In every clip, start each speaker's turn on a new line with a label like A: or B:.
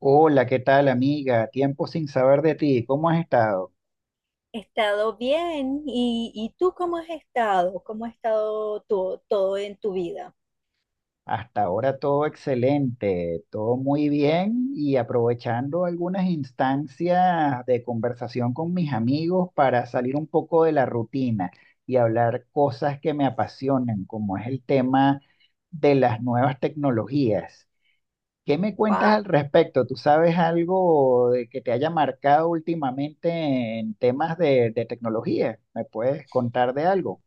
A: Hola, ¿qué tal, amiga? Tiempo sin saber de ti. ¿Cómo has estado?
B: He estado bien. ¿Y tú cómo has estado? ¿Cómo ha estado todo en tu vida?
A: Hasta ahora todo excelente, todo muy bien y aprovechando algunas instancias de conversación con mis amigos para salir un poco de la rutina y hablar cosas que me apasionan, como es el tema de las nuevas tecnologías. ¿Qué me cuentas
B: Wow.
A: al respecto? ¿Tú sabes algo de que te haya marcado últimamente en temas de tecnología? ¿Me puedes contar de algo?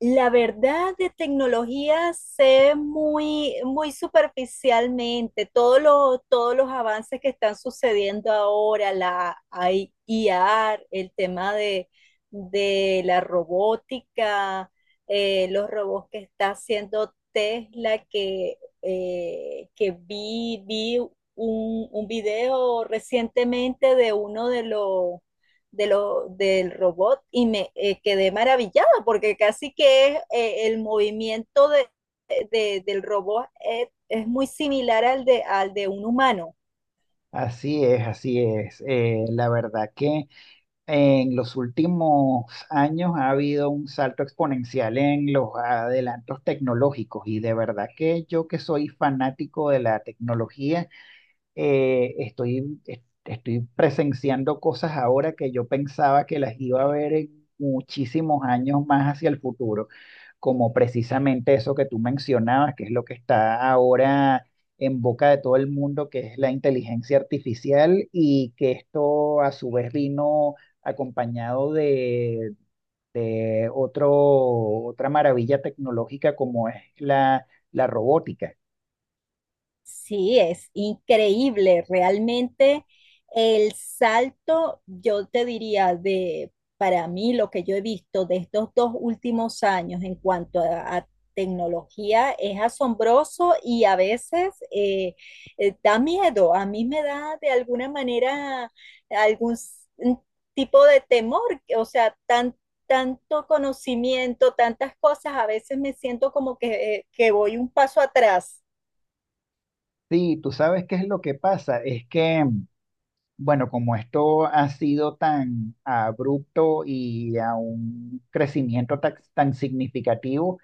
B: La verdad de tecnología sé muy, muy superficialmente todos los avances que están sucediendo ahora, la AI, IA, de la robótica, los robots que está haciendo Tesla, que vi un video recientemente de uno de los del robot y me quedé maravillada porque casi que es, el movimiento del robot es muy similar al al de un humano.
A: Así es, así es. La verdad que en los últimos años ha habido un salto exponencial en los adelantos tecnológicos y de verdad que yo que soy fanático de la tecnología, estoy presenciando cosas ahora que yo pensaba que las iba a ver en muchísimos años más hacia el futuro, como precisamente eso que tú mencionabas, que es lo que está ahora en boca de todo el mundo, que es la inteligencia artificial y que esto a su vez vino acompañado de otra maravilla tecnológica como es la robótica.
B: Sí, es increíble, realmente el salto, yo te diría para mí lo que yo he visto de estos dos últimos años en cuanto a tecnología es asombroso y a veces da miedo, a mí me da de alguna manera un tipo de temor, o sea, tanto conocimiento, tantas cosas, a veces me siento como que que voy un paso atrás.
A: Sí, tú sabes qué es lo que pasa, es que bueno, como esto ha sido tan abrupto y a un crecimiento tan significativo,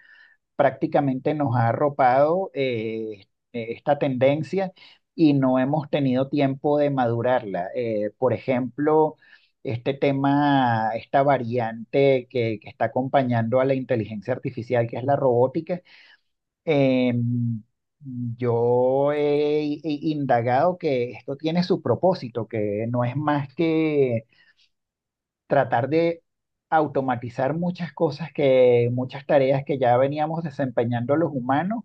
A: prácticamente nos ha arropado esta tendencia y no hemos tenido tiempo de madurarla. Por ejemplo, este tema, esta variante que está acompañando a la inteligencia artificial, que es la robótica, eh, yo he, i- indagado que esto tiene su propósito, que no es más que tratar de automatizar muchas cosas que, muchas tareas que ya veníamos desempeñando los humanos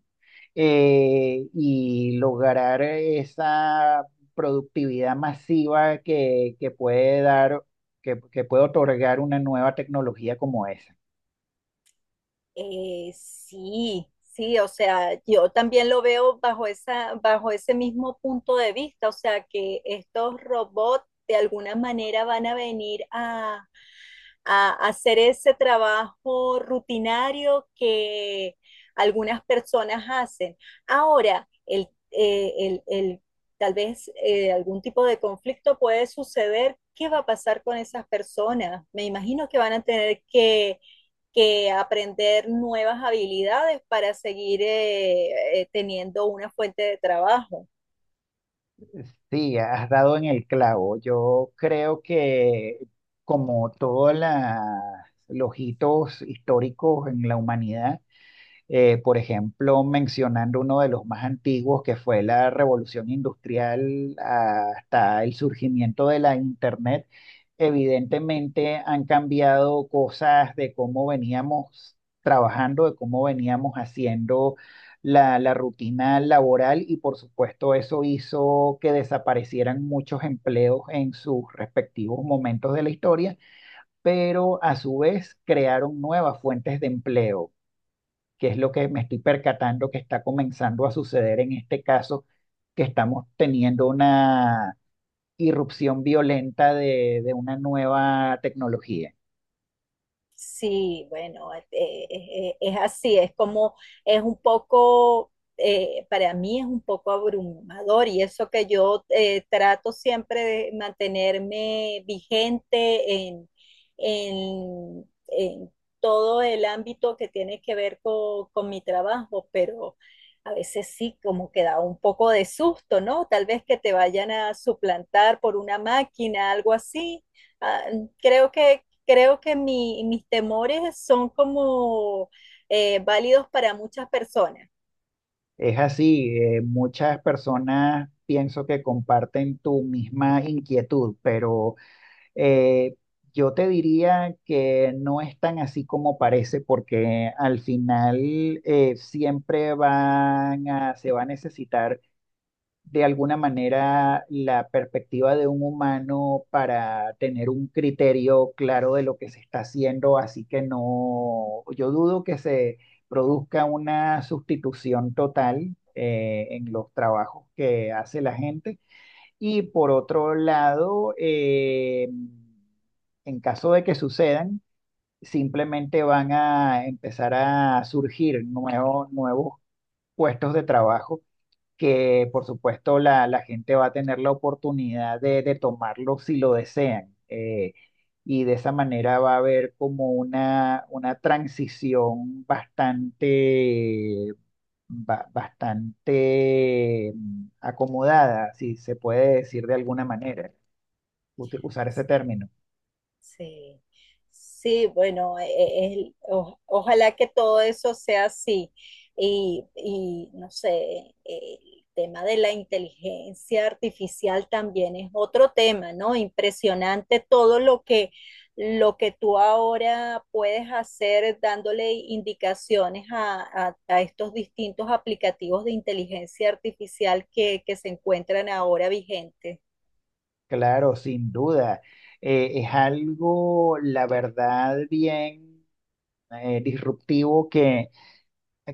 A: y lograr esa productividad masiva que puede otorgar una nueva tecnología como esa.
B: Sí, sí, o sea, yo también lo veo bajo esa, bajo ese mismo punto de vista, o sea, que estos robots de alguna manera van a venir a hacer ese trabajo rutinario que algunas personas hacen. Ahora, el tal vez algún tipo de conflicto puede suceder. ¿Qué va a pasar con esas personas? Me imagino que van a tener que aprender nuevas habilidades para seguir teniendo una fuente de trabajo.
A: Sí, has dado en el clavo. Yo creo que como todos los hitos históricos en la humanidad, por ejemplo, mencionando uno de los más antiguos, que fue la revolución industrial hasta el surgimiento de la Internet, evidentemente han cambiado cosas de cómo veníamos trabajando, de cómo veníamos haciendo la rutina laboral y por supuesto eso hizo que desaparecieran muchos empleos en sus respectivos momentos de la historia, pero a su vez crearon nuevas fuentes de empleo que es lo que me estoy percatando que está comenzando a suceder en este caso, que estamos teniendo una irrupción violenta de una nueva tecnología.
B: Sí, bueno, es así, es un poco, para mí es un poco abrumador y eso que yo trato siempre de mantenerme vigente en todo el ámbito que tiene que ver con mi trabajo, pero a veces sí, como que da un poco de susto, ¿no? Tal vez que te vayan a suplantar por una máquina, algo así. Ah, creo que, creo que mis temores son como válidos para muchas personas.
A: Es así, muchas personas pienso que comparten tu misma inquietud, pero eh, yo te diría que no es tan así como parece, porque al final se va a necesitar de alguna manera la perspectiva de un humano para tener un criterio claro de lo que se está haciendo, así que no, yo dudo que se produzca una sustitución total en los trabajos que hace la gente. Y por otro lado, en caso de que sucedan, simplemente van a empezar a surgir nuevos puestos de trabajo que por supuesto la gente va a tener la oportunidad de tomarlo si lo desean. Y de esa manera va a haber como una transición bastante, bastante acomodada, si se puede decir de alguna manera, usar ese término.
B: Sí, sí, bueno, ojalá que todo eso sea así. No sé, el tema de la inteligencia artificial también es otro tema, ¿no? Impresionante todo lo que tú ahora puedes hacer dándole indicaciones a estos distintos aplicativos de inteligencia artificial que se encuentran ahora vigentes.
A: Claro, sin duda. Es algo, la verdad, bien disruptivo que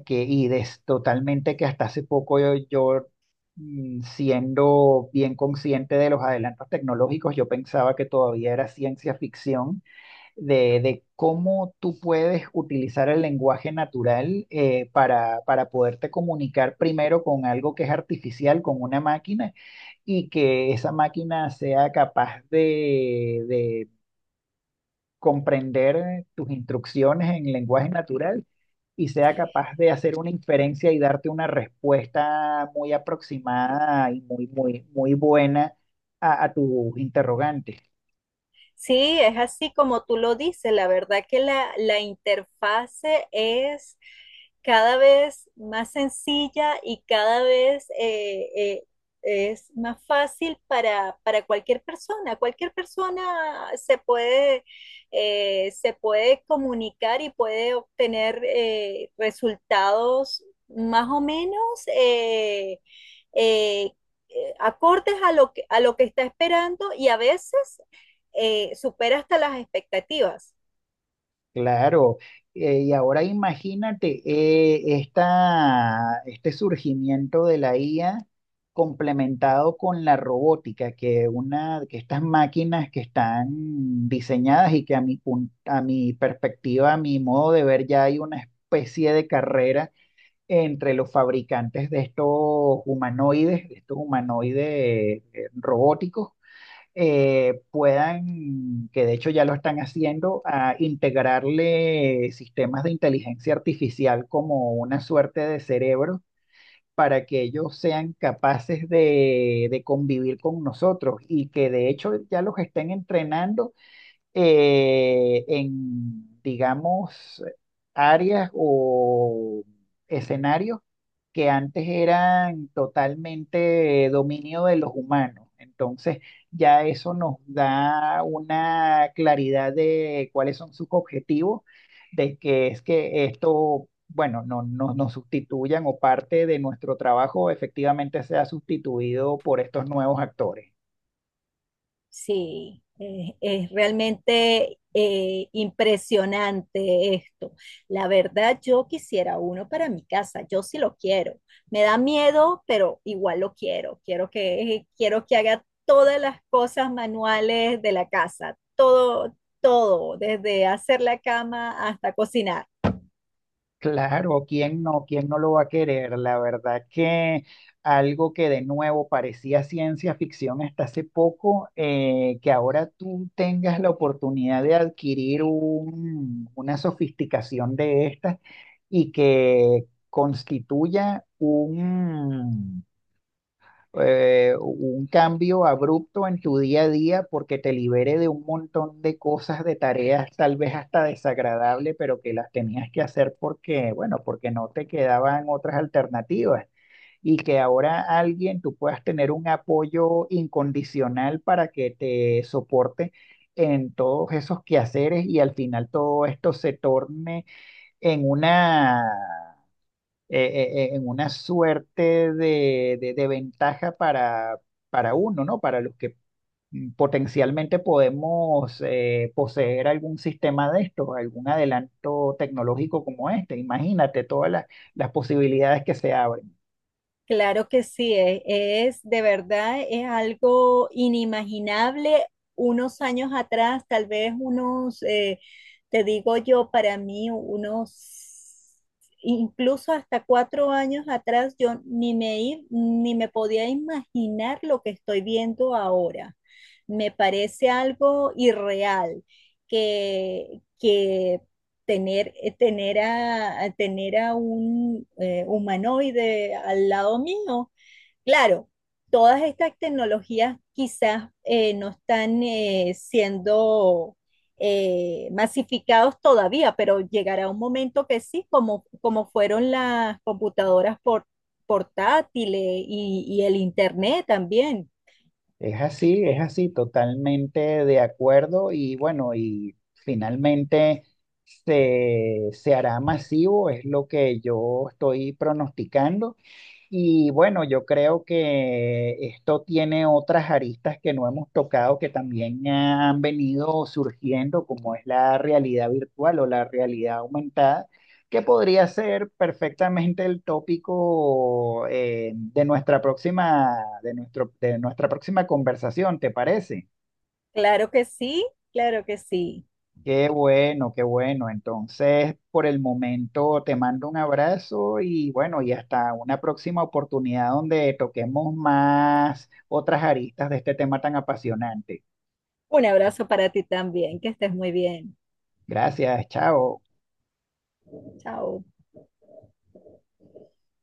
A: que, y des- totalmente que hasta hace poco yo, siendo bien consciente de los adelantos tecnológicos, yo pensaba que todavía era ciencia ficción, de cómo tú puedes utilizar el lenguaje natural para poderte comunicar primero con algo que es artificial, con una máquina, y que esa máquina sea capaz de comprender tus instrucciones en lenguaje natural y sea capaz de hacer una inferencia y darte una respuesta muy aproximada y muy buena a tus interrogantes.
B: Sí, es así como tú lo dices. La verdad que la interfase es cada vez más sencilla y cada vez es más fácil para cualquier persona. Cualquier persona se puede comunicar y puede obtener resultados más o menos eh, eh, acordes a a lo que está esperando y a veces supera hasta las expectativas.
A: Claro, y ahora imagínate este surgimiento de la IA complementado con la robótica, que, una, que estas máquinas que están diseñadas y que a mi perspectiva, a mi modo de ver, ya hay una especie de carrera entre los fabricantes de estos humanoides robóticos que de hecho ya lo están haciendo, a integrarle sistemas de inteligencia artificial como una suerte de cerebro para que ellos sean capaces de convivir con nosotros y que de hecho ya los estén entrenando en, digamos, áreas o escenarios que antes eran totalmente dominio de los humanos. Entonces, ya eso nos da una claridad de cuáles son sus objetivos, de que es que esto, bueno, nos sustituyan o parte de nuestro trabajo efectivamente sea sustituido por estos nuevos actores.
B: Sí, es realmente impresionante esto. La verdad, yo quisiera uno para mi casa, yo sí lo quiero. Me da miedo, pero igual lo quiero. Quiero que haga todas las cosas manuales de la casa, todo, todo, desde hacer la cama hasta cocinar.
A: Claro, ¿quién no? ¿Quién no lo va a querer? La verdad que algo que de nuevo parecía ciencia ficción hasta hace poco, que ahora tú tengas la oportunidad de adquirir una sofisticación de estas y que constituya un cambio abrupto en tu día a día porque te libere de un montón de cosas, de tareas, tal vez hasta desagradable, pero que las tenías que hacer porque, bueno, porque no te quedaban otras alternativas. Y que ahora alguien, tú puedas tener un apoyo incondicional para que te soporte en todos esos quehaceres y al final todo esto se torne en una en una suerte de ventaja para uno, ¿no? Para los que potencialmente podemos poseer algún sistema de estos, algún adelanto tecnológico como este. Imagínate todas las posibilidades que se abren.
B: Claro que sí, es, de verdad, es algo inimaginable. Unos años atrás, te digo yo, para mí, unos, incluso hasta cuatro años atrás, yo ni me podía imaginar lo que estoy viendo ahora. Me parece algo irreal, que tener, tener a tener a un humanoide al lado mío. Claro, todas estas tecnologías quizás no están siendo masificados todavía, pero llegará un momento que sí, como, como fueron las computadoras portátiles y el internet también.
A: Es así, totalmente de acuerdo y bueno, y finalmente se hará masivo, es lo que yo estoy pronosticando. Y bueno, yo creo que esto tiene otras aristas que no hemos tocado que también han venido surgiendo, como es la realidad virtual o la realidad aumentada que podría ser perfectamente el tópico de nuestra próxima conversación, ¿te parece?
B: Claro que sí, claro que sí.
A: Qué bueno, qué bueno. Entonces, por el momento te mando un abrazo y bueno, y hasta una próxima oportunidad donde toquemos más otras aristas de este tema tan apasionante.
B: Un abrazo para ti también, que estés muy bien.
A: Gracias, chao.
B: Chao.